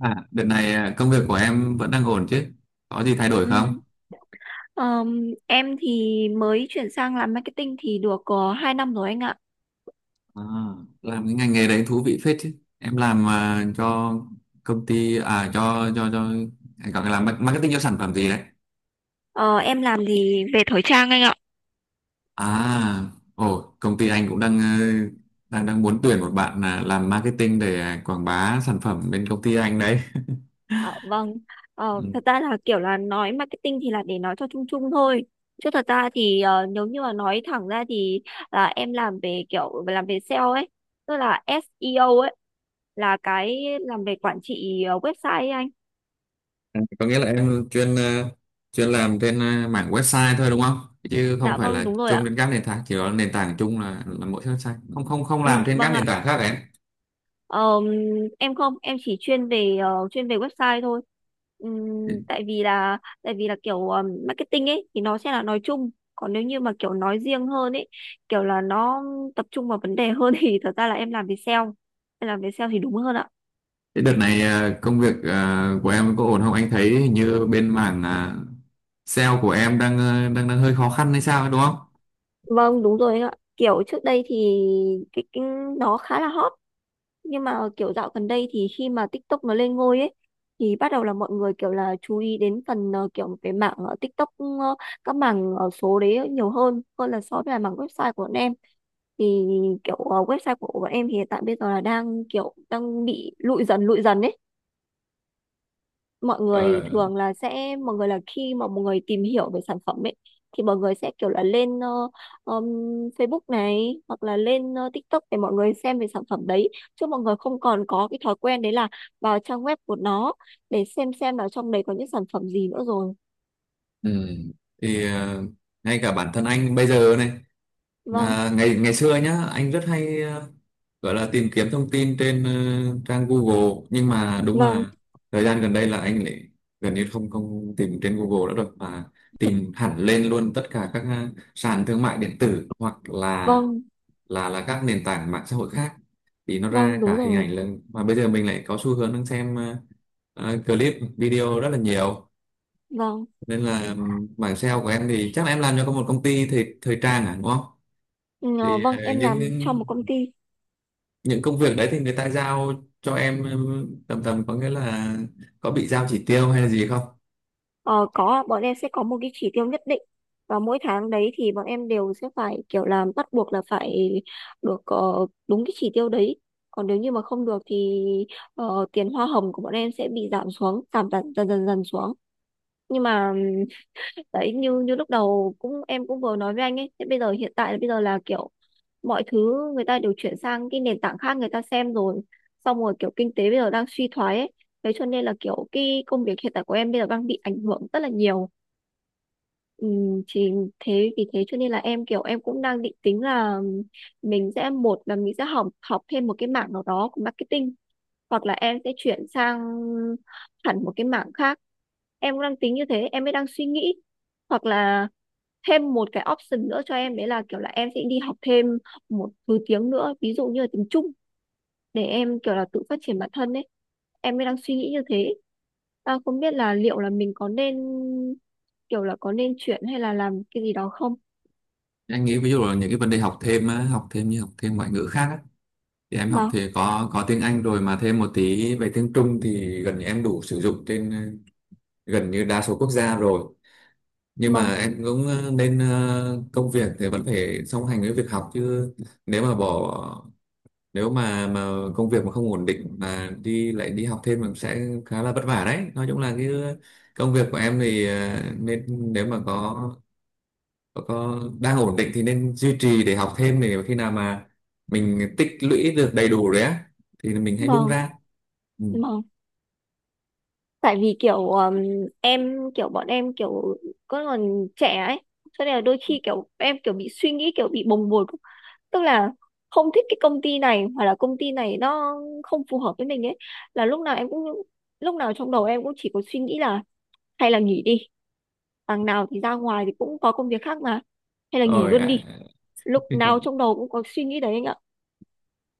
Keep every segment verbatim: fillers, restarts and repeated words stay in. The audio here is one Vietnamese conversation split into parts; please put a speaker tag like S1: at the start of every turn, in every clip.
S1: À, đợt này à, công việc của em vẫn đang ổn chứ? Có gì thay đổi không?
S2: Ừm, ờm, em thì mới chuyển sang làm marketing thì được có hai năm rồi anh ạ.
S1: À, làm cái ngành nghề đấy thú vị phết chứ. Em làm à, cho công ty à cho cho cho anh gọi là làm ma- marketing cho sản phẩm gì đấy?
S2: Ờ, em làm thì về thời trang anh ạ.
S1: À, ồ, công ty anh cũng đang ờ, đang đang muốn tuyển một bạn à, làm marketing để à, quảng bá sản phẩm bên công ty anh đấy.
S2: Ờ, vâng. Ờ, thật ra là kiểu là nói marketing thì là để nói cho chung chung thôi. Chứ thật ra thì ờ, nếu như mà nói thẳng ra thì là em làm về kiểu làm về sale ấy, tức là SEO ấy, là cái làm về quản trị ờ, website ấy anh.
S1: À, có nghĩa là em chuyên ờ, chuyên làm trên ờ, mảng website thôi đúng không? Chứ không
S2: Dạ
S1: phải
S2: vâng,
S1: là
S2: đúng rồi
S1: chung
S2: ạ.
S1: đến các nền tảng, chỉ có nền tảng chung là là mỗi website. Không không không làm
S2: Ừ,
S1: trên các
S2: vâng
S1: nền
S2: ạ.
S1: tảng khác em.
S2: Ờm, em không em chỉ chuyên về ờ, chuyên về website thôi. Ừm, tại vì là tại vì là kiểu ờm, marketing ấy thì nó sẽ là nói chung, còn nếu như mà kiểu nói riêng hơn ấy, kiểu là nó tập trung vào vấn đề hơn thì thật ra là em làm về sale em làm về sale thì đúng hơn ạ.
S1: Thế đợt này ờ, công việc ờ, của em có ổn không? Anh thấy hình như bên mảng ờ, sale của em đang ờ, đang đang hơi khó khăn hay sao ấy, đúng không?
S2: Vâng đúng rồi anh ạ, kiểu trước đây thì cái, cái nó khá là hot, nhưng mà kiểu dạo gần đây thì khi mà TikTok nó lên ngôi ấy thì bắt đầu là mọi người kiểu là chú ý đến phần ờ, kiểu cái mảng ờ, TikTok, ờ, các mảng ờ, số đấy nhiều hơn hơn là so với là mảng website của bọn em. Thì kiểu ờ, website của bọn em thì hiện tại bây giờ là đang kiểu đang bị lụi dần lụi dần ấy, mọi người
S1: Ờ,
S2: thường là sẽ mọi người là khi mà mọi người tìm hiểu về sản phẩm ấy thì mọi người sẽ kiểu là lên ờ, um, Facebook này, hoặc là lên ờ, TikTok để mọi người xem về sản phẩm đấy, chứ mọi người không còn có cái thói quen đấy là vào trang web của nó để xem xem là trong đấy có những sản phẩm gì nữa rồi.
S1: ừ. Thì ờ, ngay cả bản thân anh bây giờ này.
S2: Vâng.
S1: À, ngày ngày xưa nhá, anh rất hay ờ, gọi là tìm kiếm thông tin trên ờ, trang Google, nhưng mà đúng
S2: vâng
S1: là thời gian gần đây là anh lại gần như không không tìm trên Google nữa rồi, mà tìm hẳn lên luôn tất cả các ờ, sàn thương mại điện tử, hoặc là
S2: vâng
S1: là là các nền tảng mạng xã hội khác, thì nó
S2: vâng
S1: ra
S2: đúng
S1: cả hình
S2: rồi.
S1: ảnh lên. Mà bây giờ mình lại có xu hướng đang xem ờ, ờ, clip video rất là nhiều,
S2: Vâng.
S1: nên là ừm, bảng sale của em thì chắc là em làm cho có một công ty thời thời trang à đúng không?
S2: Ừ, ờ,
S1: Thì ờ,
S2: vâng em
S1: những
S2: làm trong
S1: những
S2: một công ty.
S1: những công việc đấy thì người ta giao cho em tầm tầm có nghĩa là có bị giao chỉ tiêu hay là gì không?
S2: Ờ, có ạ. Bọn em sẽ có một cái chỉ tiêu nhất định, và mỗi tháng đấy thì bọn em đều sẽ phải kiểu làm bắt buộc là phải được ờ, đúng cái chỉ tiêu đấy. Còn nếu như mà không được thì ờ, tiền hoa hồng của bọn em sẽ bị giảm xuống, giảm dần dần dần, dần xuống. Nhưng mà ừm, đấy, như như lúc đầu cũng em cũng vừa nói với anh ấy, thế bây giờ hiện tại là bây giờ là kiểu mọi thứ người ta đều chuyển sang cái nền tảng khác người ta xem rồi, xong rồi kiểu kinh tế bây giờ đang suy thoái ấy, thế cho nên là kiểu cái công việc hiện tại của em bây giờ đang bị ảnh hưởng rất là nhiều. Ừ, thì thế vì thế cho nên là em kiểu em cũng đang định tính là mình sẽ, một là mình sẽ học học thêm một cái mảng nào đó của marketing, hoặc là em sẽ chuyển sang hẳn một cái mảng khác. Em cũng đang tính như thế, em mới đang suy nghĩ. Hoặc là thêm một cái option nữa cho em đấy là kiểu là em sẽ đi học thêm một thứ tiếng nữa, ví dụ như là tiếng Trung, để em kiểu là tự phát triển bản thân ấy. Em mới đang suy nghĩ như thế, à, không biết là liệu là mình có nên kiểu là có nên chuyển hay là làm cái gì đó không.
S1: Anh nghĩ ví dụ là những cái vấn đề học thêm á, học thêm như học thêm ngoại ngữ khác á, thì em học
S2: Vâng
S1: thì có có tiếng Anh rồi, mà thêm một tí về tiếng Trung thì gần như em đủ sử dụng trên ờ, gần như đa số quốc gia rồi. Nhưng
S2: vâng
S1: mà em cũng ờ, nên ờ, công việc thì vẫn phải song hành với việc học chứ. Nếu mà bỏ, nếu mà mà công việc mà không ổn định mà đi lại đi học thêm, mình sẽ khá là vất vả đấy. Nói chung là cái công việc của em thì ờ, nên nếu mà có có, có đang ổn định thì nên duy trì để học thêm, để khi nào mà mình tích lũy được đầy đủ rồi á thì mình hãy bung
S2: vâng
S1: ra. Ừ.
S2: Vâng. Tại vì kiểu um, em kiểu bọn em kiểu có còn trẻ ấy, cho nên là đôi khi kiểu em kiểu bị suy nghĩ kiểu bị bồng bột, tức là không thích cái công ty này, hoặc là công ty này nó không phù hợp với mình ấy, là lúc nào em cũng, lúc nào trong đầu em cũng chỉ có suy nghĩ là hay là nghỉ đi, đằng nào thì ra ngoài thì cũng có công việc khác mà, hay là nghỉ
S1: Rồi
S2: luôn
S1: ạ.
S2: đi. Lúc nào trong đầu cũng có suy nghĩ đấy anh ạ.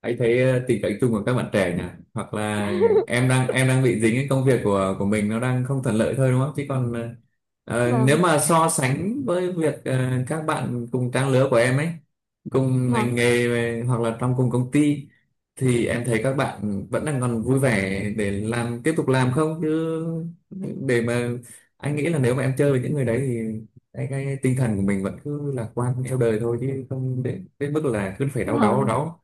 S1: Anh thấy ờ, tình cảnh chung của các bạn trẻ nhỉ? Hoặc là em đang em đang bị dính cái công việc của của mình nó đang không thuận lợi thôi đúng không? Chứ còn ờ, ờ, nếu
S2: Vâng
S1: mà so sánh với việc ờ, các bạn cùng trang lứa của em ấy, cùng
S2: vâng
S1: ngành nghề về- hoặc là trong cùng công ty, thì em thấy các bạn vẫn đang còn vui vẻ để làm tiếp tục làm không chứ. Để mà anh nghĩ là nếu mà em chơi với những người đấy thì cái, cái tinh thần của mình vẫn cứ lạc quan theo đời thôi, chứ không đến đến mức là cứ phải đau đáu đau
S2: vâng
S1: đáu.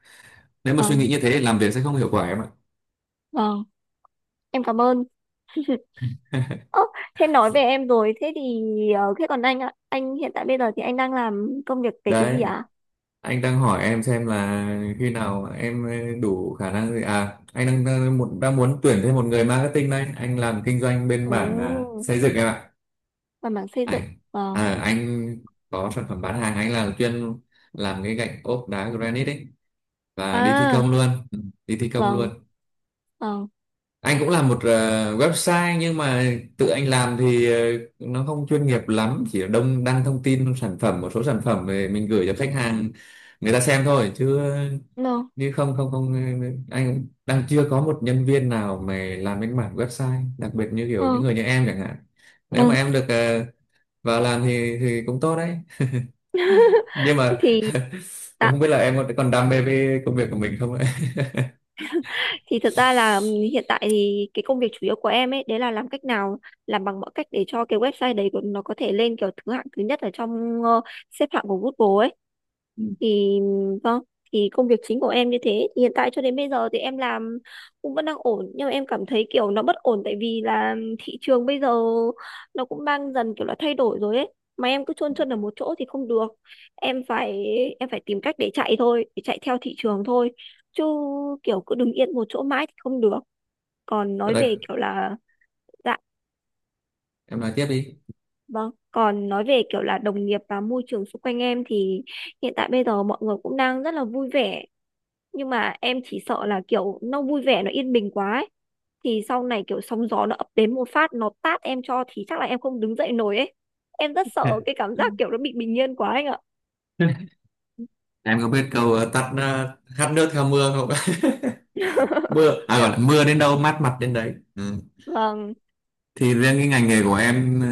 S1: Nếu mà suy
S2: Vâng.
S1: nghĩ như thế thì làm việc sẽ không hiệu quả em ạ.
S2: Vâng, em cảm ơn. Ơ, thế nói về em rồi, thế thì ờ, thế còn anh ạ, anh hiện tại bây giờ thì anh đang làm công việc về cái gì
S1: Đấy,
S2: ạ?
S1: anh đang hỏi em xem là khi nào em ờ, đủ khả năng gì à. Anh đang đang, muốn- đang muốn tuyển thêm một người marketing đây. Anh làm kinh doanh bên
S2: Ồ,
S1: mảng à, xây dựng em ạ.
S2: làm mảng xây dựng.
S1: anh
S2: Vâng.
S1: À, anh có sản phẩm bán hàng. Anh là chuyên làm cái gạch ốp đá granite ấy và đi thi
S2: À,
S1: công luôn. Ừ, đi thi công
S2: vâng,
S1: luôn.
S2: vâng.
S1: Anh cũng làm một ờ, website, nhưng mà tự anh làm thì ờ, nó không chuyên nghiệp lắm, chỉ đông đăng thông tin sản phẩm, một số sản phẩm về mình gửi cho khách hàng người ta xem thôi. Chứ ờ,
S2: No.
S1: như không không không ờ, anh đang chưa có một nhân viên nào mà làm cái mảng website đặc biệt như kiểu những
S2: Ừ.
S1: người như em chẳng hạn. Nếu mà
S2: Ừ.
S1: em được ờ, vào làm thì thì cũng tốt đấy. Nhưng mà
S2: Thì tạ-
S1: không biết là em còn còn đam mê với công việc của mình không ấy.
S2: thì thật ra là ừm, hiện tại thì cái công việc chủ yếu của em ấy đấy là làm cách nào, làm bằng mọi cách để cho cái website đấy của nó có thể lên kiểu thứ hạng thứ nhất ở trong ờ, xếp hạng của Google ấy. Thì vâng, thì công việc chính của em như thế thì hiện tại cho đến bây giờ thì em làm cũng vẫn đang ổn, nhưng mà em cảm thấy kiểu nó bất ổn, tại vì là thị trường bây giờ nó cũng đang dần kiểu là thay đổi rồi ấy, mà em cứ chôn chân ở một chỗ thì không được. em phải em phải tìm cách để chạy thôi, để chạy theo thị trường thôi, chứ kiểu cứ đứng yên một chỗ mãi thì không được. Còn nói
S1: Rồi,
S2: về kiểu là, dạ
S1: em nói tiếp đi.
S2: vâng, còn nói về kiểu là đồng nghiệp và môi trường xung quanh em thì hiện tại bây giờ mọi người cũng đang rất là vui vẻ, nhưng mà em chỉ sợ là kiểu nó vui vẻ nó yên bình quá ấy. Thì sau này kiểu sóng gió nó ập đến một phát nó tát em cho thì chắc là em không đứng dậy nổi ấy. Em rất sợ cái cảm giác kiểu nó bị bình yên quá anh ạ.
S1: Em có biết câu ờ, tắt ờ, hát nước theo mưa không? Mưa, à gọi là mưa đến đâu mát mặt đến đấy. Ừ.
S2: vâng
S1: Thì riêng cái ngành nghề của em ờ,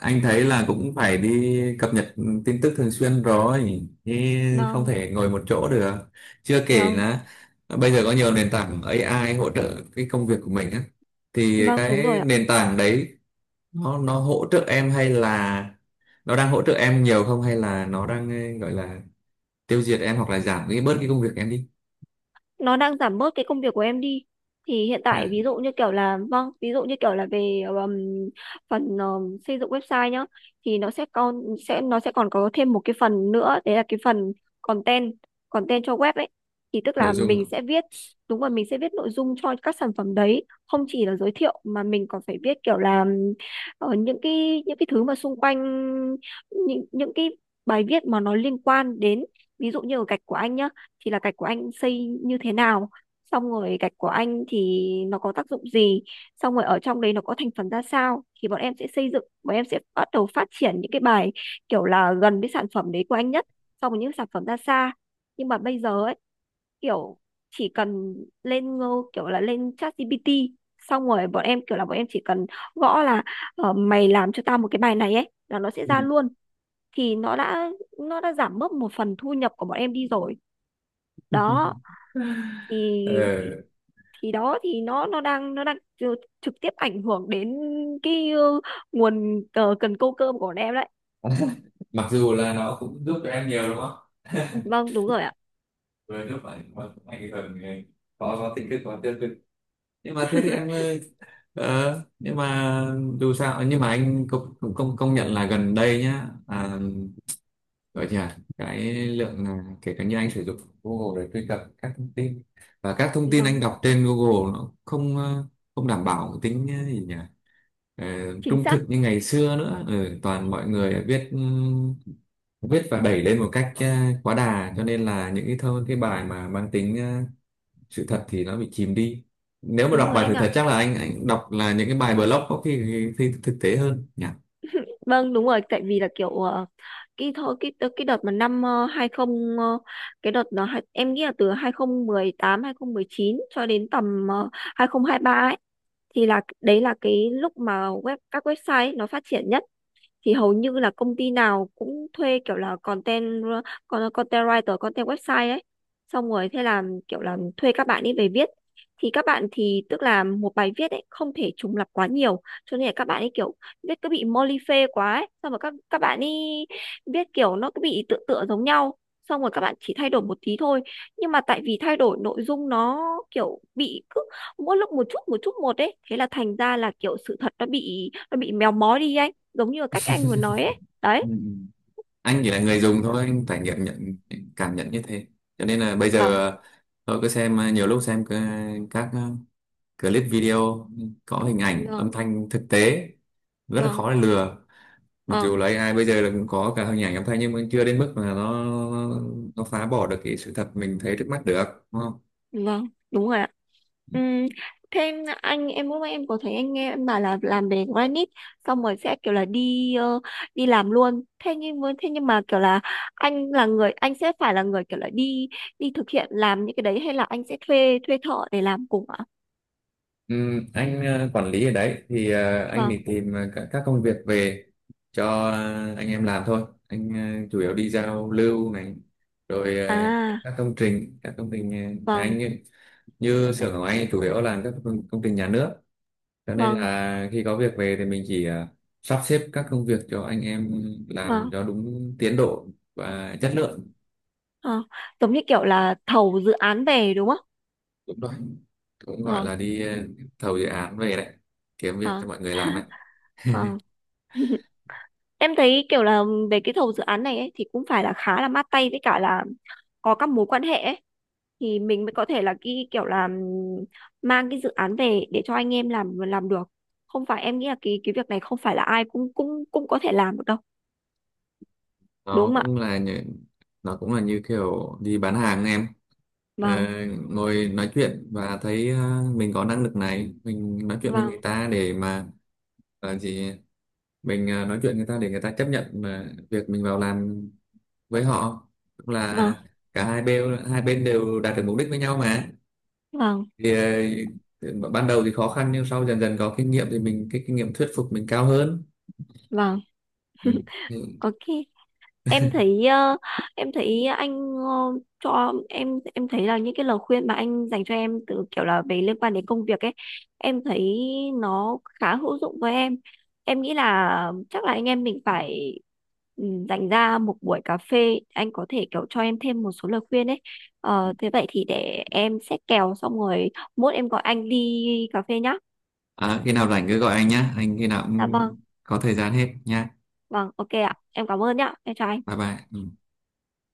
S1: anh thấy là cũng phải đi cập nhật tin tức thường xuyên rồi. Thì không
S2: vâng
S1: thể ngồi một chỗ được. Chưa kể
S2: vâng
S1: là ờ, bây giờ có nhiều nền tảng a i hỗ trợ cái công việc của mình á. Thì
S2: Vâng đúng rồi
S1: cái
S2: ạ.
S1: nền tảng đấy nó nó hỗ trợ em, hay là nó đang hỗ trợ em nhiều không, hay là nó đang ờ, gọi là tiêu diệt em hoặc là giảm cái bớt cái công việc em đi?
S2: Nó đang giảm bớt cái công việc của em đi. Thì hiện tại ví dụ như kiểu là, vâng, ví dụ như kiểu là về um, phần um, xây dựng website nhá, thì nó sẽ còn, sẽ nó sẽ còn có thêm một cái phần nữa đấy là cái phần content, content cho web ấy. Thì tức là
S1: Nội
S2: mình
S1: dung.
S2: sẽ viết, đúng rồi, mình sẽ viết nội dung cho các sản phẩm đấy, không chỉ là giới thiệu mà mình còn phải viết kiểu là um, ờ, những cái những cái thứ mà xung quanh, những những cái bài viết mà nó liên quan đến, ví dụ như ở gạch của anh nhá, thì là gạch của anh xây như thế nào, xong rồi gạch của anh thì nó có tác dụng gì, xong rồi ở trong đấy nó có thành phần ra sao, thì bọn em sẽ xây dựng, bọn em sẽ bắt đầu phát triển những cái bài kiểu là gần với sản phẩm đấy của anh nhất, xong rồi những sản phẩm ra xa. Nhưng mà bây giờ ấy kiểu chỉ cần lên ngô kiểu là lên ChatGPT, xong rồi bọn em kiểu là bọn em chỉ cần gõ là ờ, mày làm cho tao một cái bài này ấy, là nó sẽ
S1: Ừ.
S2: ra luôn. Thì nó đã, nó đã giảm bớt một phần thu nhập của bọn em đi rồi. Đó, thì
S1: Ờ,
S2: thì đó, thì nó nó đang nó đang tr- trực tiếp ảnh hưởng đến cái ờ, nguồn ờ, cần câu cơm của bọn em đấy.
S1: mặc dù là nó cũng giúp cho em nhiều đúng không?
S2: Vâng đúng rồi ạ.
S1: Vừa giúp ảnh mà cũng ảnh hưởng người, có có tích cực có tiêu cực. Nhưng mà thế thì em ơi, ờ, nhưng mà dù sao nhưng mà anh cũng cũng công công nhận là gần đây nhá. À, gọi gì à cái lượng là kể cả như anh sử dụng Google để truy cập các thông tin, và các thông tin
S2: Vâng,
S1: anh đọc trên Google nó không ờ, không đảm bảo tính ờ, gì nhỉ, ờ,
S2: chính
S1: trung
S2: xác.
S1: thực như ngày xưa nữa. Ừ, toàn mọi người viết, ừm, viết và đẩy lên một cách ờ, quá đà, cho nên là những cái thơ cái bài mà mang tính ờ, sự thật thì nó bị chìm đi. Nếu mà
S2: Đúng
S1: đọc
S2: rồi
S1: bài
S2: anh
S1: sự thật
S2: ạ.
S1: chắc là anh anh đọc là những cái bài blog có khi, khi thực tế hơn nhỉ.
S2: Vâng đúng rồi, tại vì là kiểu ờ, cái thôi cái cái đợt mà năm ờ, hai mươi, ờ, cái đợt nó hai- em nghĩ là từ hai không một tám chín cho đến tầm ờ, hai không hai ba ấy, thì là đấy là cái lúc mà web các website ấy, nó phát triển nhất. Thì hầu như là công ty nào cũng thuê kiểu là content, con- content writer, content website ấy, xong rồi thế là kiểu là thuê các bạn ấy về viết. Thì các bạn thì tức là một bài viết ấy không thể trùng lặp quá nhiều, cho nên là các bạn ấy kiểu viết cứ bị moly phê quá ấy, xong rồi các các bạn ấy viết kiểu nó cứ bị tựa tựa giống nhau, xong rồi các bạn chỉ thay đổi một tí thôi, nhưng mà tại vì thay đổi nội dung nó kiểu bị cứ mỗi lúc một chút một chút một ấy, thế là thành ra là kiểu sự thật nó bị, nó bị méo mó đi anh, giống như là cách anh vừa nói ấy
S1: Ừ,
S2: đấy.
S1: ừ. Anh chỉ là người dùng thôi, anh trải nghiệm nhận cảm nhận như thế. Cho nên là bây
S2: Vâng
S1: giờ tôi cứ xem ờ, nhiều lúc xem c- các ờ, clip video có hình ảnh âm
S2: vâng
S1: thanh thực tế rất là
S2: vâng
S1: khó để lừa. Mặc dù
S2: vâng
S1: là a i bây giờ là cũng có cả hình ảnh âm thanh, nhưng mà chưa đến mức mà nó nó phá bỏ được cái sự thật mình thấy trước mắt được, đúng không?
S2: Vâng đúng rồi ạ. Ừm, thêm anh, em lúc nãy em có thấy anh nghe em bảo là làm về granite, xong rồi sẽ kiểu là đi ờ, đi làm luôn, thế nhưng với thế nhưng mà kiểu là anh là người, anh sẽ phải là người kiểu là đi đi thực hiện làm những cái đấy, hay là anh sẽ thuê thuê thợ để làm cùng ạ?
S1: Ừm, anh ờ, quản lý ở đấy thì ờ, anh
S2: Vâng
S1: đi tìm ờ, các, các công việc về cho ờ, anh em làm thôi. Anh ờ, chủ yếu đi giao lưu này, rồi ờ,
S2: à
S1: các công trình các công trình ờ, nhà anh
S2: vâng
S1: như, như xưởng của anh chủ yếu làm các công, công trình nhà nước. Cho nên
S2: vâng
S1: là khi có việc về thì mình chỉ ờ, sắp xếp các công việc cho anh em làm
S2: Vâng.
S1: cho đúng tiến độ và chất lượng.
S2: Ờ, giống như kiểu là thầu dự án về đúng không?
S1: Đúng rồi, cũng gọi
S2: Ờ,
S1: là đi ờ, thầu dự án về đấy, kiếm việc cho
S2: ờ,
S1: mọi người làm đấy.
S2: ờ. Em thấy kiểu là về cái thầu dự án này ấy, thì cũng phải là khá là mát tay với cả là có các mối quan hệ ấy. Thì mình mới có thể là cái kiểu là ừm, mang cái dự án về để cho anh em làm làm được. Không phải, em nghĩ là cái cái việc này không phải là ai cũng cũng cũng có thể làm được đâu. Đúng
S1: nó
S2: không ạ?
S1: cũng là như, nó cũng là như kiểu đi bán hàng em. Ờ,
S2: Vâng,
S1: ngồi nói chuyện và thấy ờ, mình có năng lực này, mình nói chuyện với
S2: vâng,
S1: người ta để mà là gì mình ờ, nói chuyện người ta để người ta chấp nhận mà việc mình vào làm với họ, cũng
S2: vâng,
S1: là cả hai bên, hai bên đều đạt được mục đích với nhau mà.
S2: vâng,
S1: Thì ờ, ban đầu thì khó khăn, nhưng sau dần dần có kinh nghiệm thì mình cái kinh nghiệm thuyết phục mình cao hơn.
S2: vâng.
S1: Ừ. Ừ.
S2: Ok. Em thấy ờ, em thấy anh ờ, cho em em thấy là những cái lời khuyên mà anh dành cho em từ kiểu là về liên quan đến công việc ấy, em thấy nó khá hữu dụng với em. Em nghĩ là chắc là anh em mình phải, ừ, dành ra một buổi cà phê, anh có thể kiểu cho em thêm một số lời khuyên ấy. Ờ, thế vậy thì để em xét kèo, xong rồi mốt em gọi anh đi cà phê nhá.
S1: À, khi nào rảnh cứ gọi anh nhá. Anh khi nào
S2: Dạ
S1: cũng
S2: vâng.
S1: có thời gian hết nha.
S2: Vâng, ok ạ, em cảm ơn nhá, em chào anh.
S1: Bye bye. Ừ.